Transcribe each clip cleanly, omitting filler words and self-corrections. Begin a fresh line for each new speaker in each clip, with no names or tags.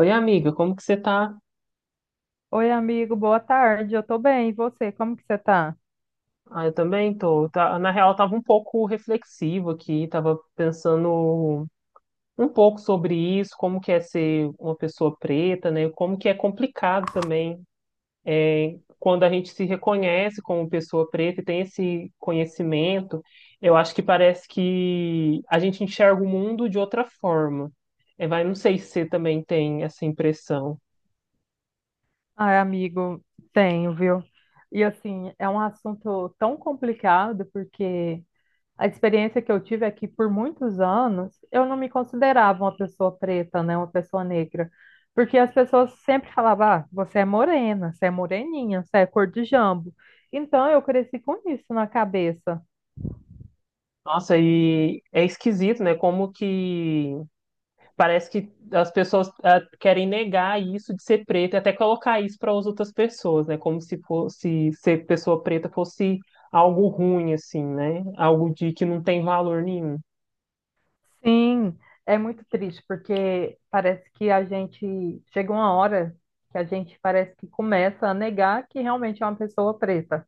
Oi, amiga, como que você tá?
Oi, amigo, boa tarde. Eu tô bem, e você? Como que você tá?
Ah, eu também tô. Na real, eu tava um pouco reflexivo aqui, tava pensando um pouco sobre isso, como que é ser uma pessoa preta, né? Como que é complicado também quando a gente se reconhece como pessoa preta e tem esse conhecimento, eu acho que parece que a gente enxerga o mundo de outra forma. É, vai, não sei se você também tem essa impressão.
Ai, amigo, tenho, viu? E assim, é um assunto tão complicado porque a experiência que eu tive é que por muitos anos eu não me considerava uma pessoa preta, né, uma pessoa negra, porque as pessoas sempre falavam: "Ah, você é morena, você é moreninha, você é cor de jambo". Então eu cresci com isso na cabeça.
Nossa, e é esquisito, né? Como que Parece que as pessoas querem negar isso de ser preta e até colocar isso para as outras pessoas, né? Como se fosse ser pessoa preta fosse algo ruim, assim, né? Algo de que não tem valor nenhum.
Sim, é muito triste, porque parece que a gente chega uma hora que a gente parece que começa a negar que realmente é uma pessoa preta.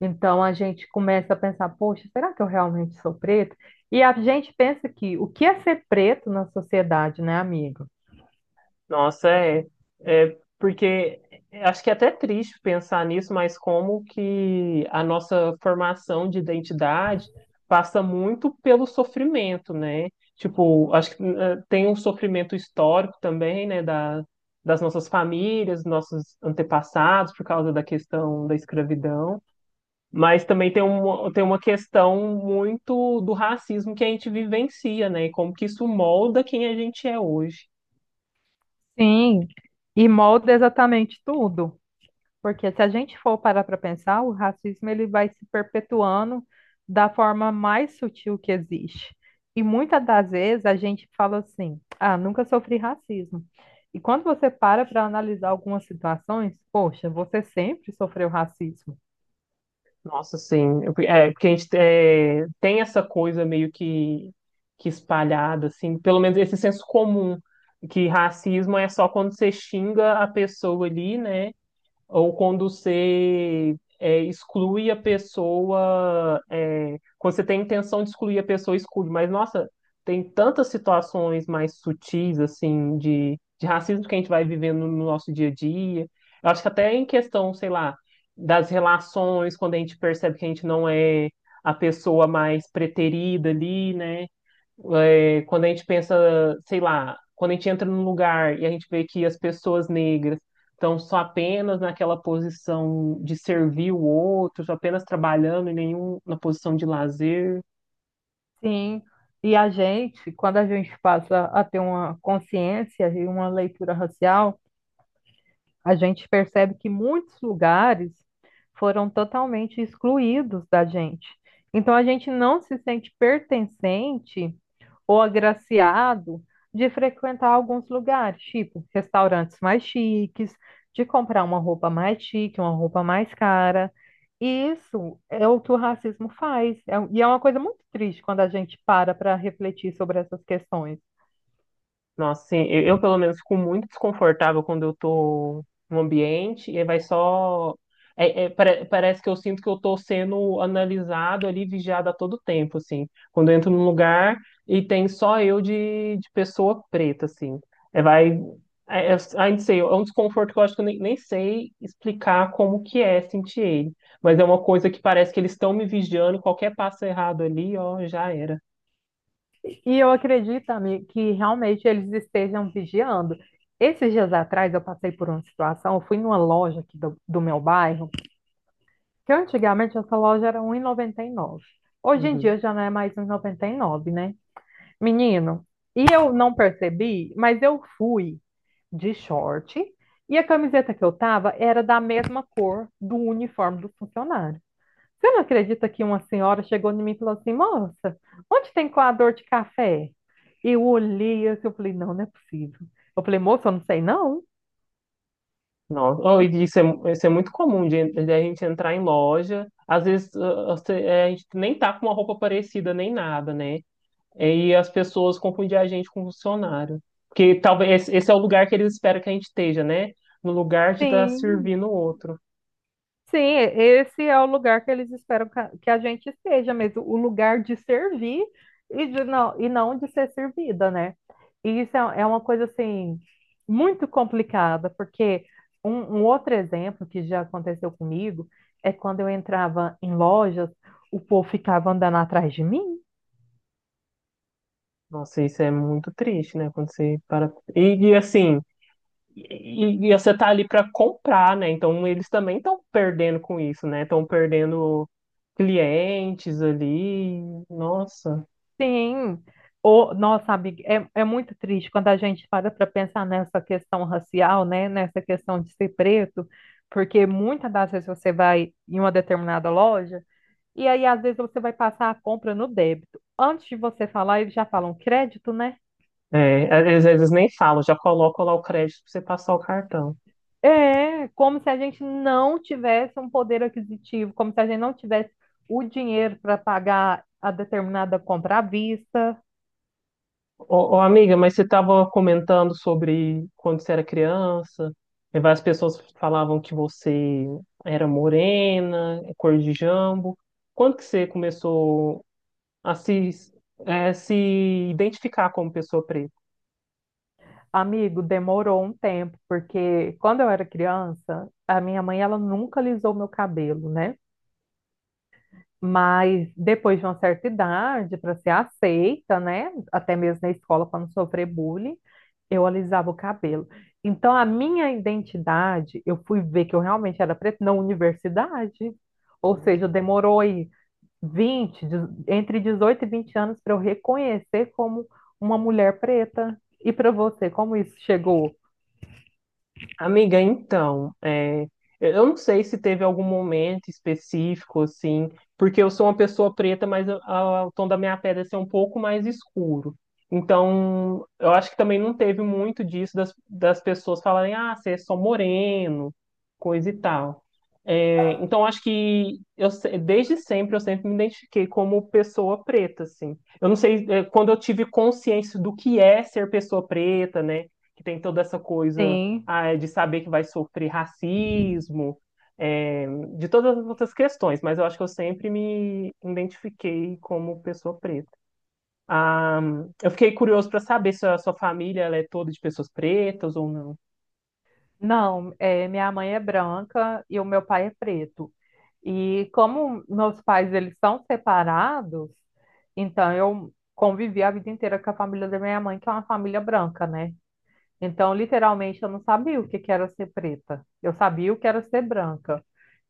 Então a gente começa a pensar, poxa, será que eu realmente sou preto? E a gente pensa que o que é ser preto na sociedade, né, amigo?
Nossa, é, é porque acho que é até triste pensar nisso, mas como que a nossa formação de identidade passa muito pelo sofrimento, né? Tipo, acho que tem um sofrimento histórico também, né, das nossas famílias, nossos antepassados, por causa da questão da escravidão, mas também tem tem uma questão muito do racismo que a gente vivencia, né? E como que isso molda quem a gente é hoje.
Sim, e molda exatamente tudo. Porque se a gente for parar para pensar, o racismo ele vai se perpetuando da forma mais sutil que existe. E muitas das vezes a gente fala assim: ah, nunca sofri racismo. E quando você para para analisar algumas situações, poxa, você sempre sofreu racismo.
Nossa, sim. É, porque a gente é, tem essa coisa meio que espalhada, assim, pelo menos esse senso comum, que racismo é só quando você xinga a pessoa ali, né? Ou quando você exclui a pessoa, é, quando você tem a intenção de excluir a pessoa, exclui. Mas, nossa, tem tantas situações mais sutis, assim, de racismo que a gente vai vivendo no nosso dia a dia. Eu acho que até em questão, sei lá, das relações, quando a gente percebe que a gente não é a pessoa mais preterida ali, né? É, quando a gente pensa, sei lá, quando a gente entra num lugar e a gente vê que as pessoas negras estão só apenas naquela posição de servir o outro, só apenas trabalhando e nenhum na posição de lazer.
Sim. E a gente, quando a gente passa a ter uma consciência e uma leitura racial, a gente percebe que muitos lugares foram totalmente excluídos da gente. Então a gente não se sente pertencente ou agraciado de frequentar alguns lugares, tipo restaurantes mais chiques, de comprar uma roupa mais chique, uma roupa mais cara. E isso é o que o racismo faz. E é uma coisa muito triste quando a gente para para refletir sobre essas questões.
Nossa, sim, eu, pelo menos fico muito desconfortável quando eu tô no ambiente e aí vai só. Parece que eu sinto que eu tô sendo analisado ali, vigiado a todo tempo, assim. Quando eu entro num lugar e tem só eu de pessoa preta, assim. É, vai. É, é, ai, não sei, é um desconforto que eu acho que eu nem sei explicar como que é sentir ele. Mas é uma coisa que parece que eles estão me vigiando, qualquer passo errado ali, ó, já era.
E eu acredito, amigo, que realmente eles estejam vigiando. Esses dias atrás eu passei por uma situação, eu fui numa loja aqui do meu bairro, que antigamente essa loja era um e noventa e nove. Hoje em
Uhum.
dia já não é mais um e noventa e nove, né? Menino, e eu não percebi, mas eu fui de short e a camiseta que eu tava era da mesma cor do uniforme do funcionário. Você não acredita que uma senhora chegou em mim e falou assim, moça, onde tem coador de café? Eu olhei assim, eu falei, não, não é possível. Eu falei, moça, eu não sei não.
Nossa, oh, e isso é, isso é muito comum de a gente entrar em loja, às vezes é, a gente nem tá com uma roupa parecida nem nada, né? E as pessoas confundem a gente com funcionário. Porque talvez esse é o lugar que eles esperam que a gente esteja, né? No lugar de estar
Sim.
servindo o outro.
Sim, esse é o lugar que eles esperam que a gente esteja mesmo, o lugar de servir e não de ser servida, né? E isso é, é uma coisa, assim, muito complicada, porque um outro exemplo que já aconteceu comigo é quando eu entrava em lojas, o povo ficava andando atrás de mim.
Nossa, isso é muito triste, né? Quando você para. Assim, e você tá ali para comprar, né? Então eles também estão perdendo com isso, né? Estão perdendo clientes ali. Nossa.
Sim. O, nossa, amiga, é, é muito triste quando a gente para para pensar nessa questão racial, né? Nessa questão de ser preto, porque muitas das vezes você vai em uma determinada loja e aí às vezes você vai passar a compra no débito. Antes de você falar, eles já falam crédito, né?
É, às vezes nem falo, já coloco lá o crédito para você passar o cartão.
É, como se a gente não tivesse um poder aquisitivo, como se a gente não tivesse o dinheiro para pagar a determinada compra à vista.
Ô, ô, amiga, mas você estava comentando sobre quando você era criança, e várias pessoas falavam que você era morena, cor de jambo. Quando que você começou a se identificar como pessoa preta?
Amigo, demorou um tempo, porque quando eu era criança, a minha mãe ela nunca lisou meu cabelo, né? Mas depois de uma certa idade, para ser aceita, né? Até mesmo na escola, para não sofrer bullying, eu alisava o cabelo. Então, a minha identidade, eu fui ver que eu realmente era preta na universidade. Ou seja, demorou aí 20 de- entre 18 e 20 anos para eu reconhecer como uma mulher preta. E para você, como isso chegou?
Amiga, então, é, eu não sei se teve algum momento específico, assim, porque eu sou uma pessoa preta, mas o tom da minha pele assim, é um pouco mais escuro. Então, eu acho que também não teve muito disso das pessoas falarem, ah, você é só moreno, coisa e tal. É, então, acho que eu, se- desde sempre eu sempre me identifiquei como pessoa preta, assim. Eu não sei, é, quando eu tive consciência do que é ser pessoa preta, né? Que tem toda essa coisa
Sim.
é de saber que vai sofrer racismo, é, de todas as outras questões, mas eu acho que eu sempre me identifiquei como pessoa preta. Ah, eu fiquei curioso para saber se a sua família ela é toda de pessoas pretas ou não.
Não, é, minha mãe é branca e o meu pai é preto. E como meus pais eles são separados, então eu convivi a vida inteira com a família da minha mãe, que é uma família branca, né? Então, literalmente, eu não sabia o que que era ser preta. Eu sabia o que era ser branca.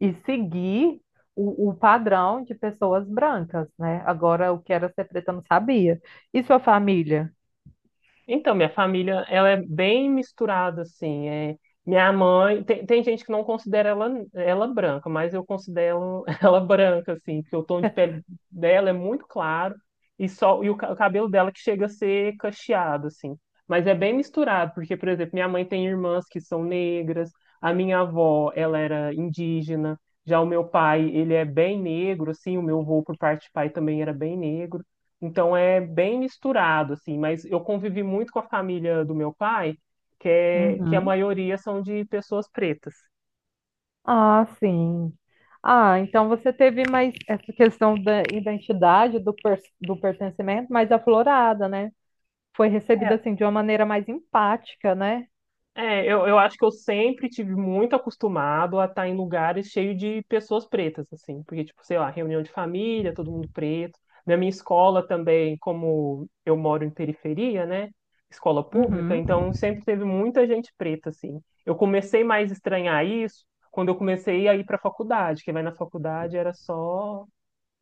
E seguir o padrão de pessoas brancas, né? Agora, o que era ser preta, eu não sabia. E sua família?
Então, minha família, ela é bem misturada, assim. É, minha mãe, tem gente que não considera ela branca, mas eu considero ela branca, assim, porque o tom de pele dela é muito claro e só e o cabelo dela que chega a ser cacheado, assim. Mas é bem misturado, porque, por exemplo, minha mãe tem irmãs que são negras, a minha avó, ela era indígena, já o meu pai, ele é bem negro, assim, o meu avô por parte de pai também era bem negro. Então é bem misturado, assim, mas eu convivi muito com a família do meu pai, que a
Uhum.
maioria são de pessoas pretas.
Ah, sim. Ah, então você teve mais essa questão da identidade, do pertencimento mais aflorada, né? Foi recebida assim de uma maneira mais empática, né?
É, eu acho que eu sempre tive muito acostumado a estar em lugares cheios de pessoas pretas, assim, porque, tipo, sei lá, reunião de família, todo mundo preto. Na minha escola também, como eu moro em periferia, né? Escola pública,
Uhum.
então sempre teve muita gente preta, assim. Eu comecei mais a estranhar isso quando eu comecei a ir para a faculdade, que vai na faculdade era só,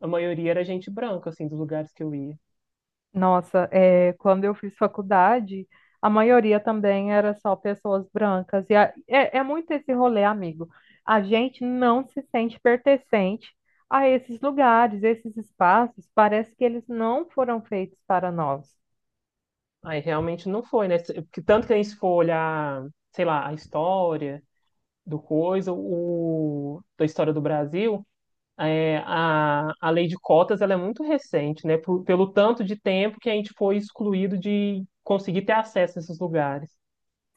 a maioria era gente branca, assim, dos lugares que eu ia.
Nossa, é, quando eu fiz faculdade, a maioria também era só pessoas brancas. E é muito esse rolê, amigo. A gente não se sente pertencente a esses lugares, esses espaços. Parece que eles não foram feitos para nós.
Aí realmente não foi, né? Porque tanto que a gente for olhar, sei lá, a história da história do Brasil, é, a lei de cotas ela é muito recente, né? Pelo tanto de tempo que a gente foi excluído de conseguir ter acesso a esses lugares.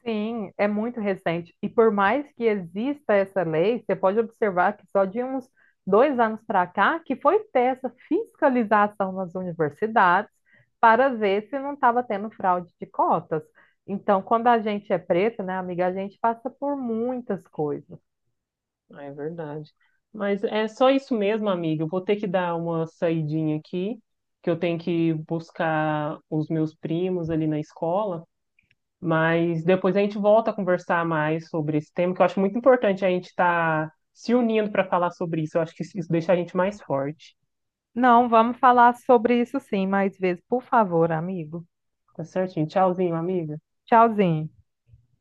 Sim, é muito recente. E por mais que exista essa lei, você pode observar que só de uns 2 anos para cá que foi ter essa fiscalização nas universidades para ver se não estava tendo fraude de cotas. Então, quando a gente é preto, né, amiga, a gente passa por muitas coisas.
Ah, é verdade. Mas é só isso mesmo, amiga. Eu vou ter que dar uma saidinha aqui, que eu tenho que buscar os meus primos ali na escola. Mas depois a gente volta a conversar mais sobre esse tema, que eu acho muito importante a gente estar se unindo para falar sobre isso. Eu acho que isso deixa a gente mais forte.
Não, vamos falar sobre isso sim mais vezes, por favor, amigo.
Tá certinho. Tchauzinho, amiga.
Tchauzinho.